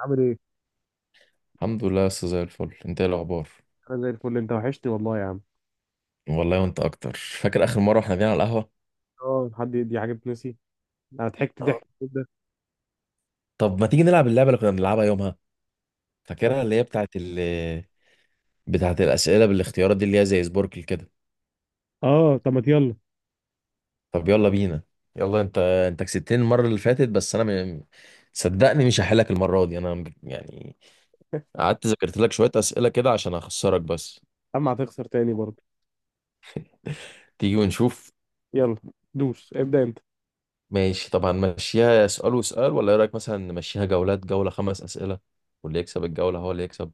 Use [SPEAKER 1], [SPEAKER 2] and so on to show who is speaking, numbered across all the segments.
[SPEAKER 1] عامل ايه؟
[SPEAKER 2] الحمد لله يا أستاذ، زي الفل. انت ايه الاخبار؟
[SPEAKER 1] انا زي الفل، انت وحشتي والله يا عم.
[SPEAKER 2] والله وانت اكتر. فاكر اخر مره احنا قاعدين على القهوه؟
[SPEAKER 1] اه، حد دي حاجه بتنسي؟ انا ضحكت
[SPEAKER 2] آه.
[SPEAKER 1] ضحك كده.
[SPEAKER 2] طب ما تيجي نلعب اللعبه اللي كنا بنلعبها يومها؟ فاكرها؟ اللي هي بتاعت بتاعت الاسئله بالاختيارات دي، اللي هي زي سبوركل كده.
[SPEAKER 1] اه، طب ما يلا.
[SPEAKER 2] طب يلا بينا. يلا، انت كسبتني المره اللي فاتت بس انا صدقني مش هحلك المره دي انا يعني. قعدت ذاكرت لك شويه اسئله كده عشان اخسرك بس.
[SPEAKER 1] اما هتخسر تاني برضه.
[SPEAKER 2] تيجي ونشوف.
[SPEAKER 1] يلا، دوس ابدا انت.
[SPEAKER 2] ماشي، طب هنمشيها سؤال وسؤال ولا ايه رايك؟ مثلا نمشيها جولات، جوله خمس اسئله واللي يكسب الجوله هو اللي يكسب.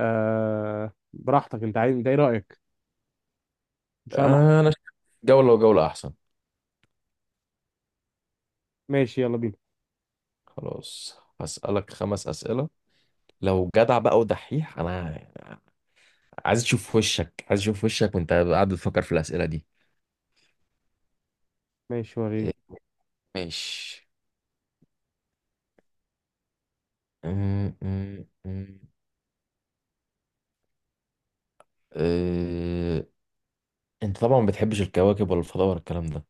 [SPEAKER 1] آه، براحتك. انت ايه رايك؟ مش انا مع...
[SPEAKER 2] انا شايف جولة وجولة احسن.
[SPEAKER 1] ماشي يلا بينا.
[SPEAKER 2] خلاص، هسألك خمس أسئلة لو جدع بقى ودحيح. انا عايز اشوف وشك، عايز اشوف وشك وانت قاعد بتفكر في الأسئلة دي.
[SPEAKER 1] ماشي وريني.
[SPEAKER 2] إيه، ماشي. أم- أم- أم. أه، انت طبعا ما بتحبش الكواكب ولا الفضاء ولا الكلام ده.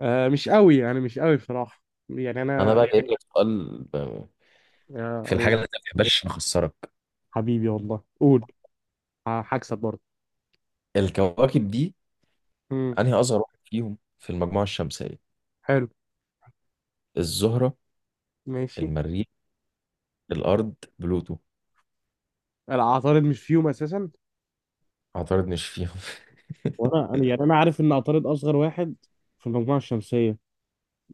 [SPEAKER 1] آه، مش قوي يعني، مش قوي بصراحه. يعني
[SPEAKER 2] انا
[SPEAKER 1] انا.
[SPEAKER 2] بقى جايب لك سؤال
[SPEAKER 1] يا
[SPEAKER 2] في الحاجة
[SPEAKER 1] الله.
[SPEAKER 2] اللي انت ما بتحبهاش نخسرك.
[SPEAKER 1] حبيبي والله قول. هكسب برضه.
[SPEAKER 2] الكواكب دي،
[SPEAKER 1] امم.
[SPEAKER 2] انهي اصغر واحد فيهم في المجموعة الشمسية؟
[SPEAKER 1] حلو.
[SPEAKER 2] الزهرة،
[SPEAKER 1] ماشي.
[SPEAKER 2] المريخ، الارض، بلوتو.
[SPEAKER 1] العطارد مش فيهم اساسا.
[SPEAKER 2] اعترضنيش فيهم.
[SPEAKER 1] وانا يعني، انا عارف ان عطارد اصغر واحد في المجموعه الشمسيه،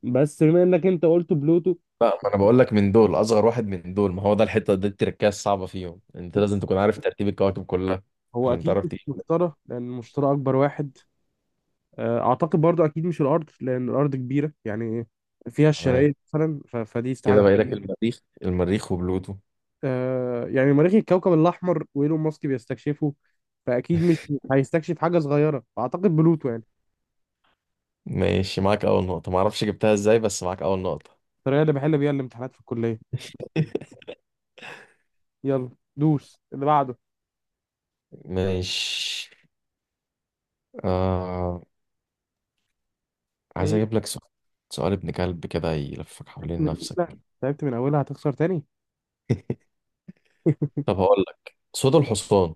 [SPEAKER 1] بس بما انك انت قلت بلوتو.
[SPEAKER 2] لا، ما انا بقول لك من دول اصغر واحد، من دول. ما هو ده الحته دي التركية الصعبه فيهم، انت لازم تكون عارف ترتيب الكواكب كلها
[SPEAKER 1] هو
[SPEAKER 2] عشان
[SPEAKER 1] اكيد
[SPEAKER 2] تعرف
[SPEAKER 1] مش
[SPEAKER 2] تيجي.
[SPEAKER 1] مشترى، لان المشترى اكبر واحد. اعتقد برضو اكيد مش الارض، لان الارض كبيره يعني، فيها
[SPEAKER 2] تمام،
[SPEAKER 1] الشرايط مثلا، فدي استحاله.
[SPEAKER 2] كده باقي لك المريخ، وبلوتو.
[SPEAKER 1] يعني مريخ الكوكب الاحمر، وايلون ماسك بيستكشفه، فاكيد مش هيستكشف حاجه صغيره، فاعتقد بلوتو يعني.
[SPEAKER 2] ماشي، معاك اول نقطه. ما اعرفش جبتها ازاي بس معاك اول نقطه.
[SPEAKER 1] الطريقه اللي بحل بيها الامتحانات في الكليه. يلا، دوس اللي بعده.
[SPEAKER 2] ماشي. آه... عايز
[SPEAKER 1] ايه؟
[SPEAKER 2] اجيب لك سؤال، سؤال ابن كلب كده يلفك حوالين
[SPEAKER 1] من
[SPEAKER 2] نفسك.
[SPEAKER 1] اولها تعبت، من اولها هتخسر تاني.
[SPEAKER 2] طب هقول لك صوت الحصان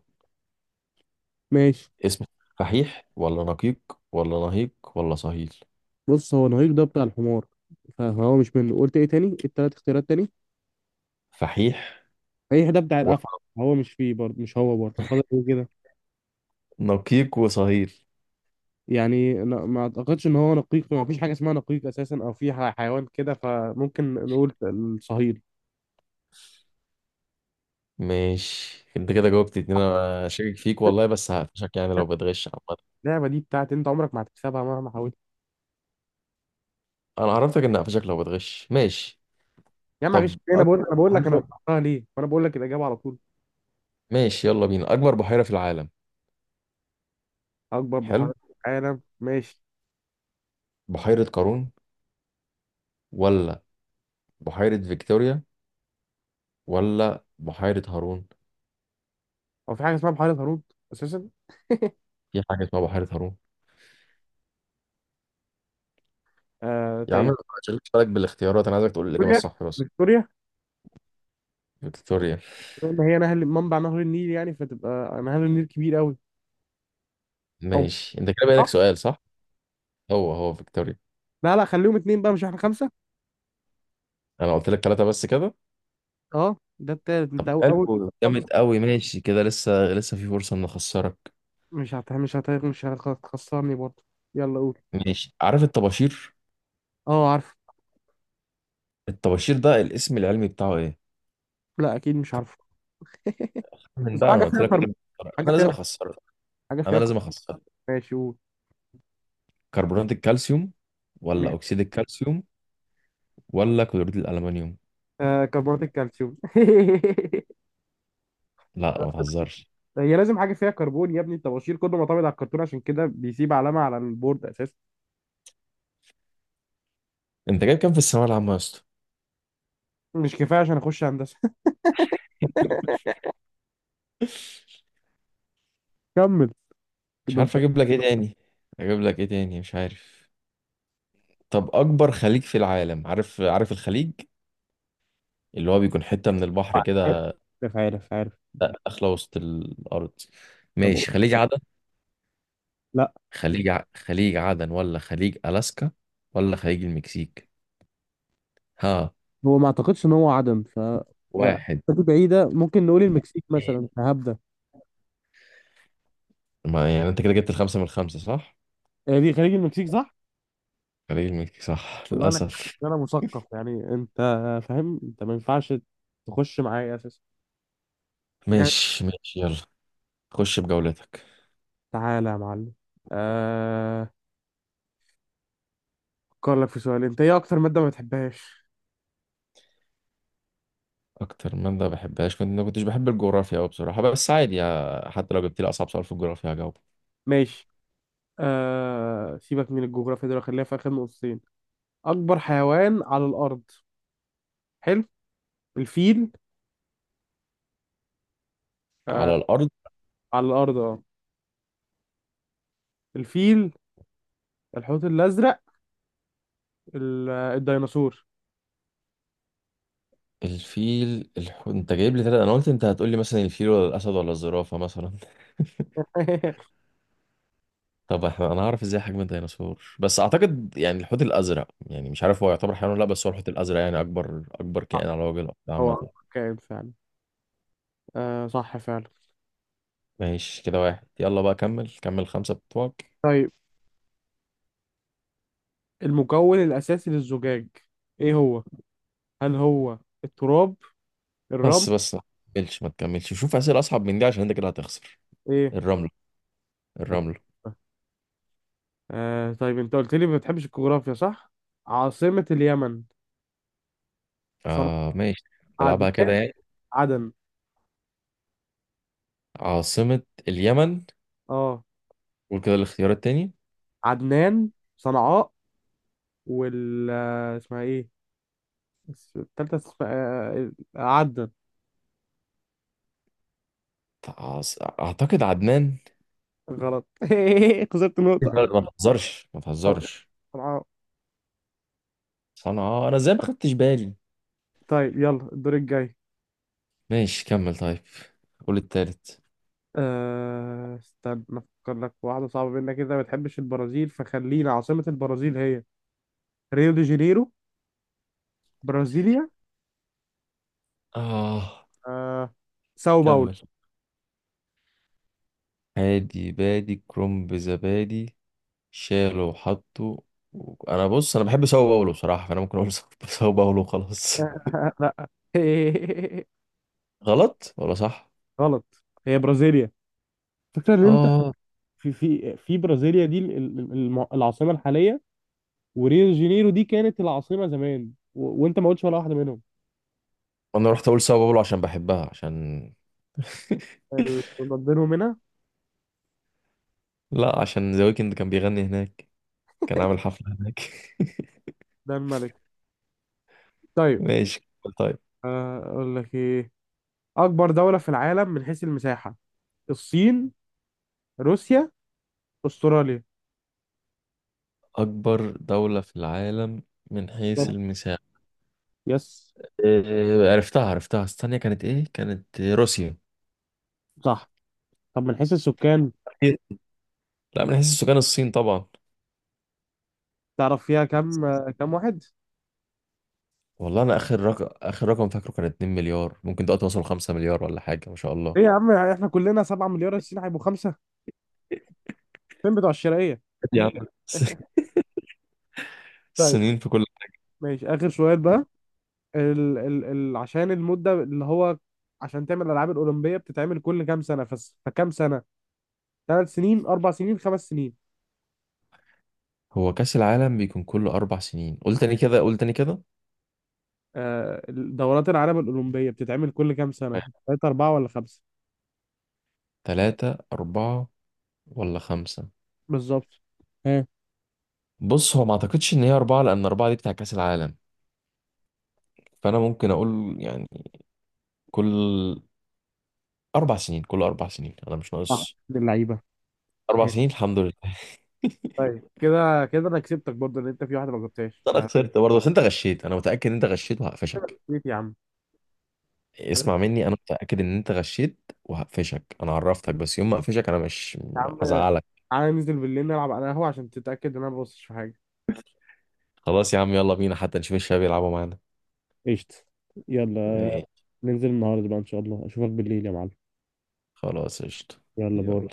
[SPEAKER 1] ماشي.
[SPEAKER 2] اسمه فحيح، ولا نقيق، ولا نهيق، ولا صهيل؟
[SPEAKER 1] بص، هو نهيق ده بتاع الحمار، فهو مش منه. قلت ايه تاني؟ التلات اختيارات تاني.
[SPEAKER 2] فحيح،
[SPEAKER 1] ايه ده؟ بتاع الافعى. هو مش فيه برضه، مش هو برضه. فاضل ايه كده؟
[SPEAKER 2] نقيق وصهيل.
[SPEAKER 1] يعني أنا ما اعتقدش ان هو نقيق، ما فيش حاجه اسمها نقيق اساسا، او في حيوان كده، فممكن نقول الصهيل.
[SPEAKER 2] ماشي، انت كده جاوبت اتنين. انا شاكك فيك والله، بس هقفشك يعني لو بتغش عامة.
[SPEAKER 1] اللعبه دي بتاعت انت، عمرك ما هتكسبها مهما حاولت.
[SPEAKER 2] انا عرفتك ان هقفشك لو بتغش، ماشي.
[SPEAKER 1] يا عم معلش،
[SPEAKER 2] طب اكبر
[SPEAKER 1] انا بقول لك انا
[SPEAKER 2] بحيرة.
[SPEAKER 1] اخترتها ليه، وانا بقول لك الاجابه على طول.
[SPEAKER 2] ماشي يلا بينا، اكبر بحيرة في العالم.
[SPEAKER 1] اكبر بحيره
[SPEAKER 2] حلو،
[SPEAKER 1] في العالم. ماشي.
[SPEAKER 2] بحيرة قارون، ولا بحيرة فيكتوريا، ولا بحيرة هارون؟
[SPEAKER 1] هو في حاجه اسمها بحيره هارون اساسا؟
[SPEAKER 2] في حاجة اسمها بحيرة هارون.
[SPEAKER 1] آه
[SPEAKER 2] يا عم،
[SPEAKER 1] طيب.
[SPEAKER 2] ما تشغلش بالك بالاختيارات، انا عايزك تقول الإجابة
[SPEAKER 1] فيكتوريا،
[SPEAKER 2] الصح بس.
[SPEAKER 1] فيكتوريا.
[SPEAKER 2] فيكتوريا.
[SPEAKER 1] لان هي نهر، منبع نهر النيل يعني، فتبقى نهر النيل كبير قوي. او
[SPEAKER 2] ماشي، انت كده بقى لك
[SPEAKER 1] آه،
[SPEAKER 2] سؤال صح. هو فيكتوريا.
[SPEAKER 1] لا، لا، خليهم اتنين بقى، مش احنا خمسه؟
[SPEAKER 2] انا قلت لك ثلاثة بس كده.
[SPEAKER 1] اه ده التالت، انت
[SPEAKER 2] طب
[SPEAKER 1] اول.
[SPEAKER 2] حلو، جامد
[SPEAKER 1] خالص.
[SPEAKER 2] قوي. ماشي كده، لسه لسه في فرصة ان اخسرك.
[SPEAKER 1] مش هتخسرني برضه. يلا قول.
[SPEAKER 2] ماشي، عارف الطباشير؟
[SPEAKER 1] اه، عارفه.
[SPEAKER 2] الطباشير ده الاسم العلمي بتاعه ايه؟
[SPEAKER 1] لا، اكيد مش عارفه.
[SPEAKER 2] من
[SPEAKER 1] بس
[SPEAKER 2] ده
[SPEAKER 1] حاجه
[SPEAKER 2] انا قلت
[SPEAKER 1] فيها
[SPEAKER 2] لك لازم اخسرك، انا
[SPEAKER 1] حاجه
[SPEAKER 2] لازم
[SPEAKER 1] فيها
[SPEAKER 2] اخسرك،
[SPEAKER 1] حاجه
[SPEAKER 2] انا
[SPEAKER 1] فيها
[SPEAKER 2] لازم اخسرك.
[SPEAKER 1] ماشي قول.
[SPEAKER 2] كربونات الكالسيوم، ولا
[SPEAKER 1] ماشي.
[SPEAKER 2] اكسيد الكالسيوم، ولا كلوريد الالمنيوم؟
[SPEAKER 1] آه، كربونات الكالسيوم.
[SPEAKER 2] لا ما تهزرش.
[SPEAKER 1] هي لازم حاجه فيها كربون يا ابني، الطباشير كله معتمد على الكرتون، عشان كده بيسيب علامه على البورد اساسا.
[SPEAKER 2] انت جايب كام في الثانوية العامة يا اسطى؟
[SPEAKER 1] مش كفايه عشان اخش هندسه. كمل.
[SPEAKER 2] مش
[SPEAKER 1] كده
[SPEAKER 2] عارف
[SPEAKER 1] انت.
[SPEAKER 2] اجيب لك ايه تاني، اجيب لك ايه تاني مش عارف. طب اكبر خليج في العالم؟ عارف، عارف الخليج اللي هو بيكون حتة من البحر كده
[SPEAKER 1] عارف، عارف، عارف.
[SPEAKER 2] داخله وسط الارض؟
[SPEAKER 1] طب قول.
[SPEAKER 2] ماشي، خليج عدن،
[SPEAKER 1] لا،
[SPEAKER 2] خليج عدن، ولا خليج الاسكا، ولا خليج المكسيك؟ ها؟
[SPEAKER 1] هو ما اعتقدش ان هو عدم، ف
[SPEAKER 2] واحد،
[SPEAKER 1] دي بعيده. ممكن نقول المكسيك
[SPEAKER 2] اتنين.
[SPEAKER 1] مثلا، هبدا.
[SPEAKER 2] ما يعني انت كده جبت الخمسه من الخمسه صح.
[SPEAKER 1] هي دي خليج المكسيك صح؟
[SPEAKER 2] خليج المكسيك صح،
[SPEAKER 1] والله انا حاسس
[SPEAKER 2] للاسف.
[SPEAKER 1] ان انا مثقف يعني، انت فاهم؟ انت ما ينفعش تخش معايا اساسا. جاي.
[SPEAKER 2] ماشي ماشي، يلا خش بجولتك.
[SPEAKER 1] تعالى يا معلم. آه... افكر لك في سؤال. انت ايه اكتر مادة ما بتحبهاش؟
[SPEAKER 2] اكتر ماده بحبهاش، كنت ما كنتش بحب الجغرافيا قوي بصراحه، بس عادي يا... حتى لو جبت لي اصعب سؤال في الجغرافيا هجاوبه.
[SPEAKER 1] ماشي. سيبك من الجغرافيا دول، خليها في اخر نقطتين. اكبر حيوان على الارض. حلو. الفيل. آه...
[SPEAKER 2] على الارض.
[SPEAKER 1] على الارض، اه. الفيل، الحوت الازرق، الديناصور.
[SPEAKER 2] الفيل، انت جايب لي ثلاثة. انا قلت انت هتقول لي مثلا الفيل ولا الاسد ولا الزرافه مثلا. طب احنا انا هعرف ازاي حجم الديناصور؟ بس اعتقد يعني الحوت الازرق، يعني مش عارف هو يعتبر حيوان ولا لا، بس هو الحوت الازرق يعني اكبر
[SPEAKER 1] صح.
[SPEAKER 2] كائن على وجه الارض عامه.
[SPEAKER 1] هو كائن فعلا. صح فعلا.
[SPEAKER 2] ماشي كده واحد. يلا بقى كمل، كمل خمسه بتوعك.
[SPEAKER 1] طيب. المكون الأساسي للزجاج، إيه هو؟ هل هو التراب؟ الرمل؟
[SPEAKER 2] بس ما تكملش شوف اسئله اصعب من دي عشان انت كده هتخسر.
[SPEAKER 1] إيه؟
[SPEAKER 2] الرمله،
[SPEAKER 1] طب،
[SPEAKER 2] الرمله.
[SPEAKER 1] آه طيب، أنت قلت لي ما بتحبش الجغرافيا صح؟ عاصمة اليمن. صنع
[SPEAKER 2] اه ماشي.
[SPEAKER 1] عدن.
[SPEAKER 2] نلعبها كده يعني.
[SPEAKER 1] عدن.
[SPEAKER 2] عاصمه اليمن.
[SPEAKER 1] أه.
[SPEAKER 2] قول كده الاختيار التاني.
[SPEAKER 1] عدنان. صنعاء. وال آه، اسمها إيه؟ التالتة اسمها عدن.
[SPEAKER 2] اعتقد عدنان.
[SPEAKER 1] غلط. خسرت نقطة.
[SPEAKER 2] لا، ما تهزرش، ما تهزرش.
[SPEAKER 1] صنعاء.
[SPEAKER 2] صنعاء، انا ازاي ما خدتش بالي؟
[SPEAKER 1] طيب، يلا الدور الجاي.
[SPEAKER 2] ماشي كمل، طيب. قول التالت.
[SPEAKER 1] استنى، افكر لك واحدة صعبة منك كده. ما بتحبش البرازيل، فخلينا عاصمة البرازيل هي: ريو دي جانيرو، برازيليا،
[SPEAKER 2] آه
[SPEAKER 1] أه... ساو باولو.
[SPEAKER 2] كمل. هادي بادي كرنب زبادي، شاله وحطه. انا بص، انا بحب ساو باولو بصراحه، فانا ممكن اقول ساو باولو وخلاص.
[SPEAKER 1] لا.
[SPEAKER 2] غلط ولا صح؟
[SPEAKER 1] غلط، هي برازيليا. فكرة ان انت،
[SPEAKER 2] آه.
[SPEAKER 1] في برازيليا دي العاصمة الحالية، وريو دي جانيرو دي كانت العاصمة زمان، وانت ما قلتش ولا واحدة منهم.
[SPEAKER 2] انا رحت اقول ساو باولو عشان بحبها، عشان
[SPEAKER 1] اللي بينهم هنا.
[SPEAKER 2] لا، عشان ذا ويكند كان بيغني هناك، كان عامل حفله هناك.
[SPEAKER 1] ده الملك. طيب.
[SPEAKER 2] ماشي، طيب.
[SPEAKER 1] اقول لك ايه. اكبر دولة في العالم من حيث المساحة. الصين، روسيا، استراليا؟
[SPEAKER 2] اكبر دوله في العالم من حيث
[SPEAKER 1] بالظبط.
[SPEAKER 2] المساحه.
[SPEAKER 1] يس.
[SPEAKER 2] إيه، عرفتها عرفتها، استنى كانت ايه؟ كانت روسيا.
[SPEAKER 1] صح. طب، من حيث السكان؟
[SPEAKER 2] إيه؟ لا، من حيث السكان الصين طبعا.
[SPEAKER 1] تعرف فيها كام؟ كام واحد؟
[SPEAKER 2] والله انا اخر رقم، اخر رقم فاكره كان 2 مليار، ممكن دلوقتي وصلوا 5 مليار ولا حاجه، ما شاء الله.
[SPEAKER 1] ايه يا عم، احنا كلنا 7 مليار، الصين هيبقوا خمسة؟ فين بتوع الشرقية.
[SPEAKER 2] يا عم.
[SPEAKER 1] طيب.
[SPEAKER 2] السنين في كل.
[SPEAKER 1] ماشي، اخر سؤال بقى. ال ال ال عشان المدة اللي هو، عشان تعمل الالعاب الاولمبية بتتعمل كل كام سنة، فكام سنة؟ 3 سنين، 4 سنين، 5 سنين؟
[SPEAKER 2] هو كاس العالم بيكون كل اربع سنين، قلت تاني كده، قلت تاني كده.
[SPEAKER 1] دورات العالم الاولمبية بتتعمل كل كام سنة؟ ثلاثة، اربعة، ولا خمسة؟
[SPEAKER 2] ثلاثة، أربعة، ولا خمسة؟
[SPEAKER 1] بالظبط. ها.
[SPEAKER 2] بص، هو ما أعتقدش إن هي أربعة، لأن أربعة دي بتاع كأس العالم، فأنا ممكن أقول يعني كل أربع سنين كل أربع سنين، أنا مش
[SPEAKER 1] صح،
[SPEAKER 2] ناقص.
[SPEAKER 1] من اللعيبه.
[SPEAKER 2] أربع سنين، الحمد لله.
[SPEAKER 1] طيب، كده انا كسبتك برضه، ان انت في واحده ما جبتهاش.
[SPEAKER 2] أنا خسرت برضه بس أنت غشيت، أنا متأكد إن أنت غشيت وهقفشك.
[SPEAKER 1] فكسبت يا عم. خلاص
[SPEAKER 2] اسمع مني، انا متاكد ان انت غشيت وهقفشك. انا عرفتك، بس يوم ما اقفشك انا مش
[SPEAKER 1] يا عم،
[SPEAKER 2] هزعلك.
[SPEAKER 1] تعالى ننزل بالليل نلعب انا قهوه، عشان تتاكد ان انا ما ببصش في حاجه.
[SPEAKER 2] خلاص يا عم، يلا بينا، حتى نشوف الشباب يلعبوا معانا.
[SPEAKER 1] قشطة. يلا.
[SPEAKER 2] إيه،
[SPEAKER 1] ننزل النهاردة بقى، إن شاء الله أشوفك بالليل يا معلم.
[SPEAKER 2] خلاص قشطة.
[SPEAKER 1] يلا،
[SPEAKER 2] يلا
[SPEAKER 1] باي.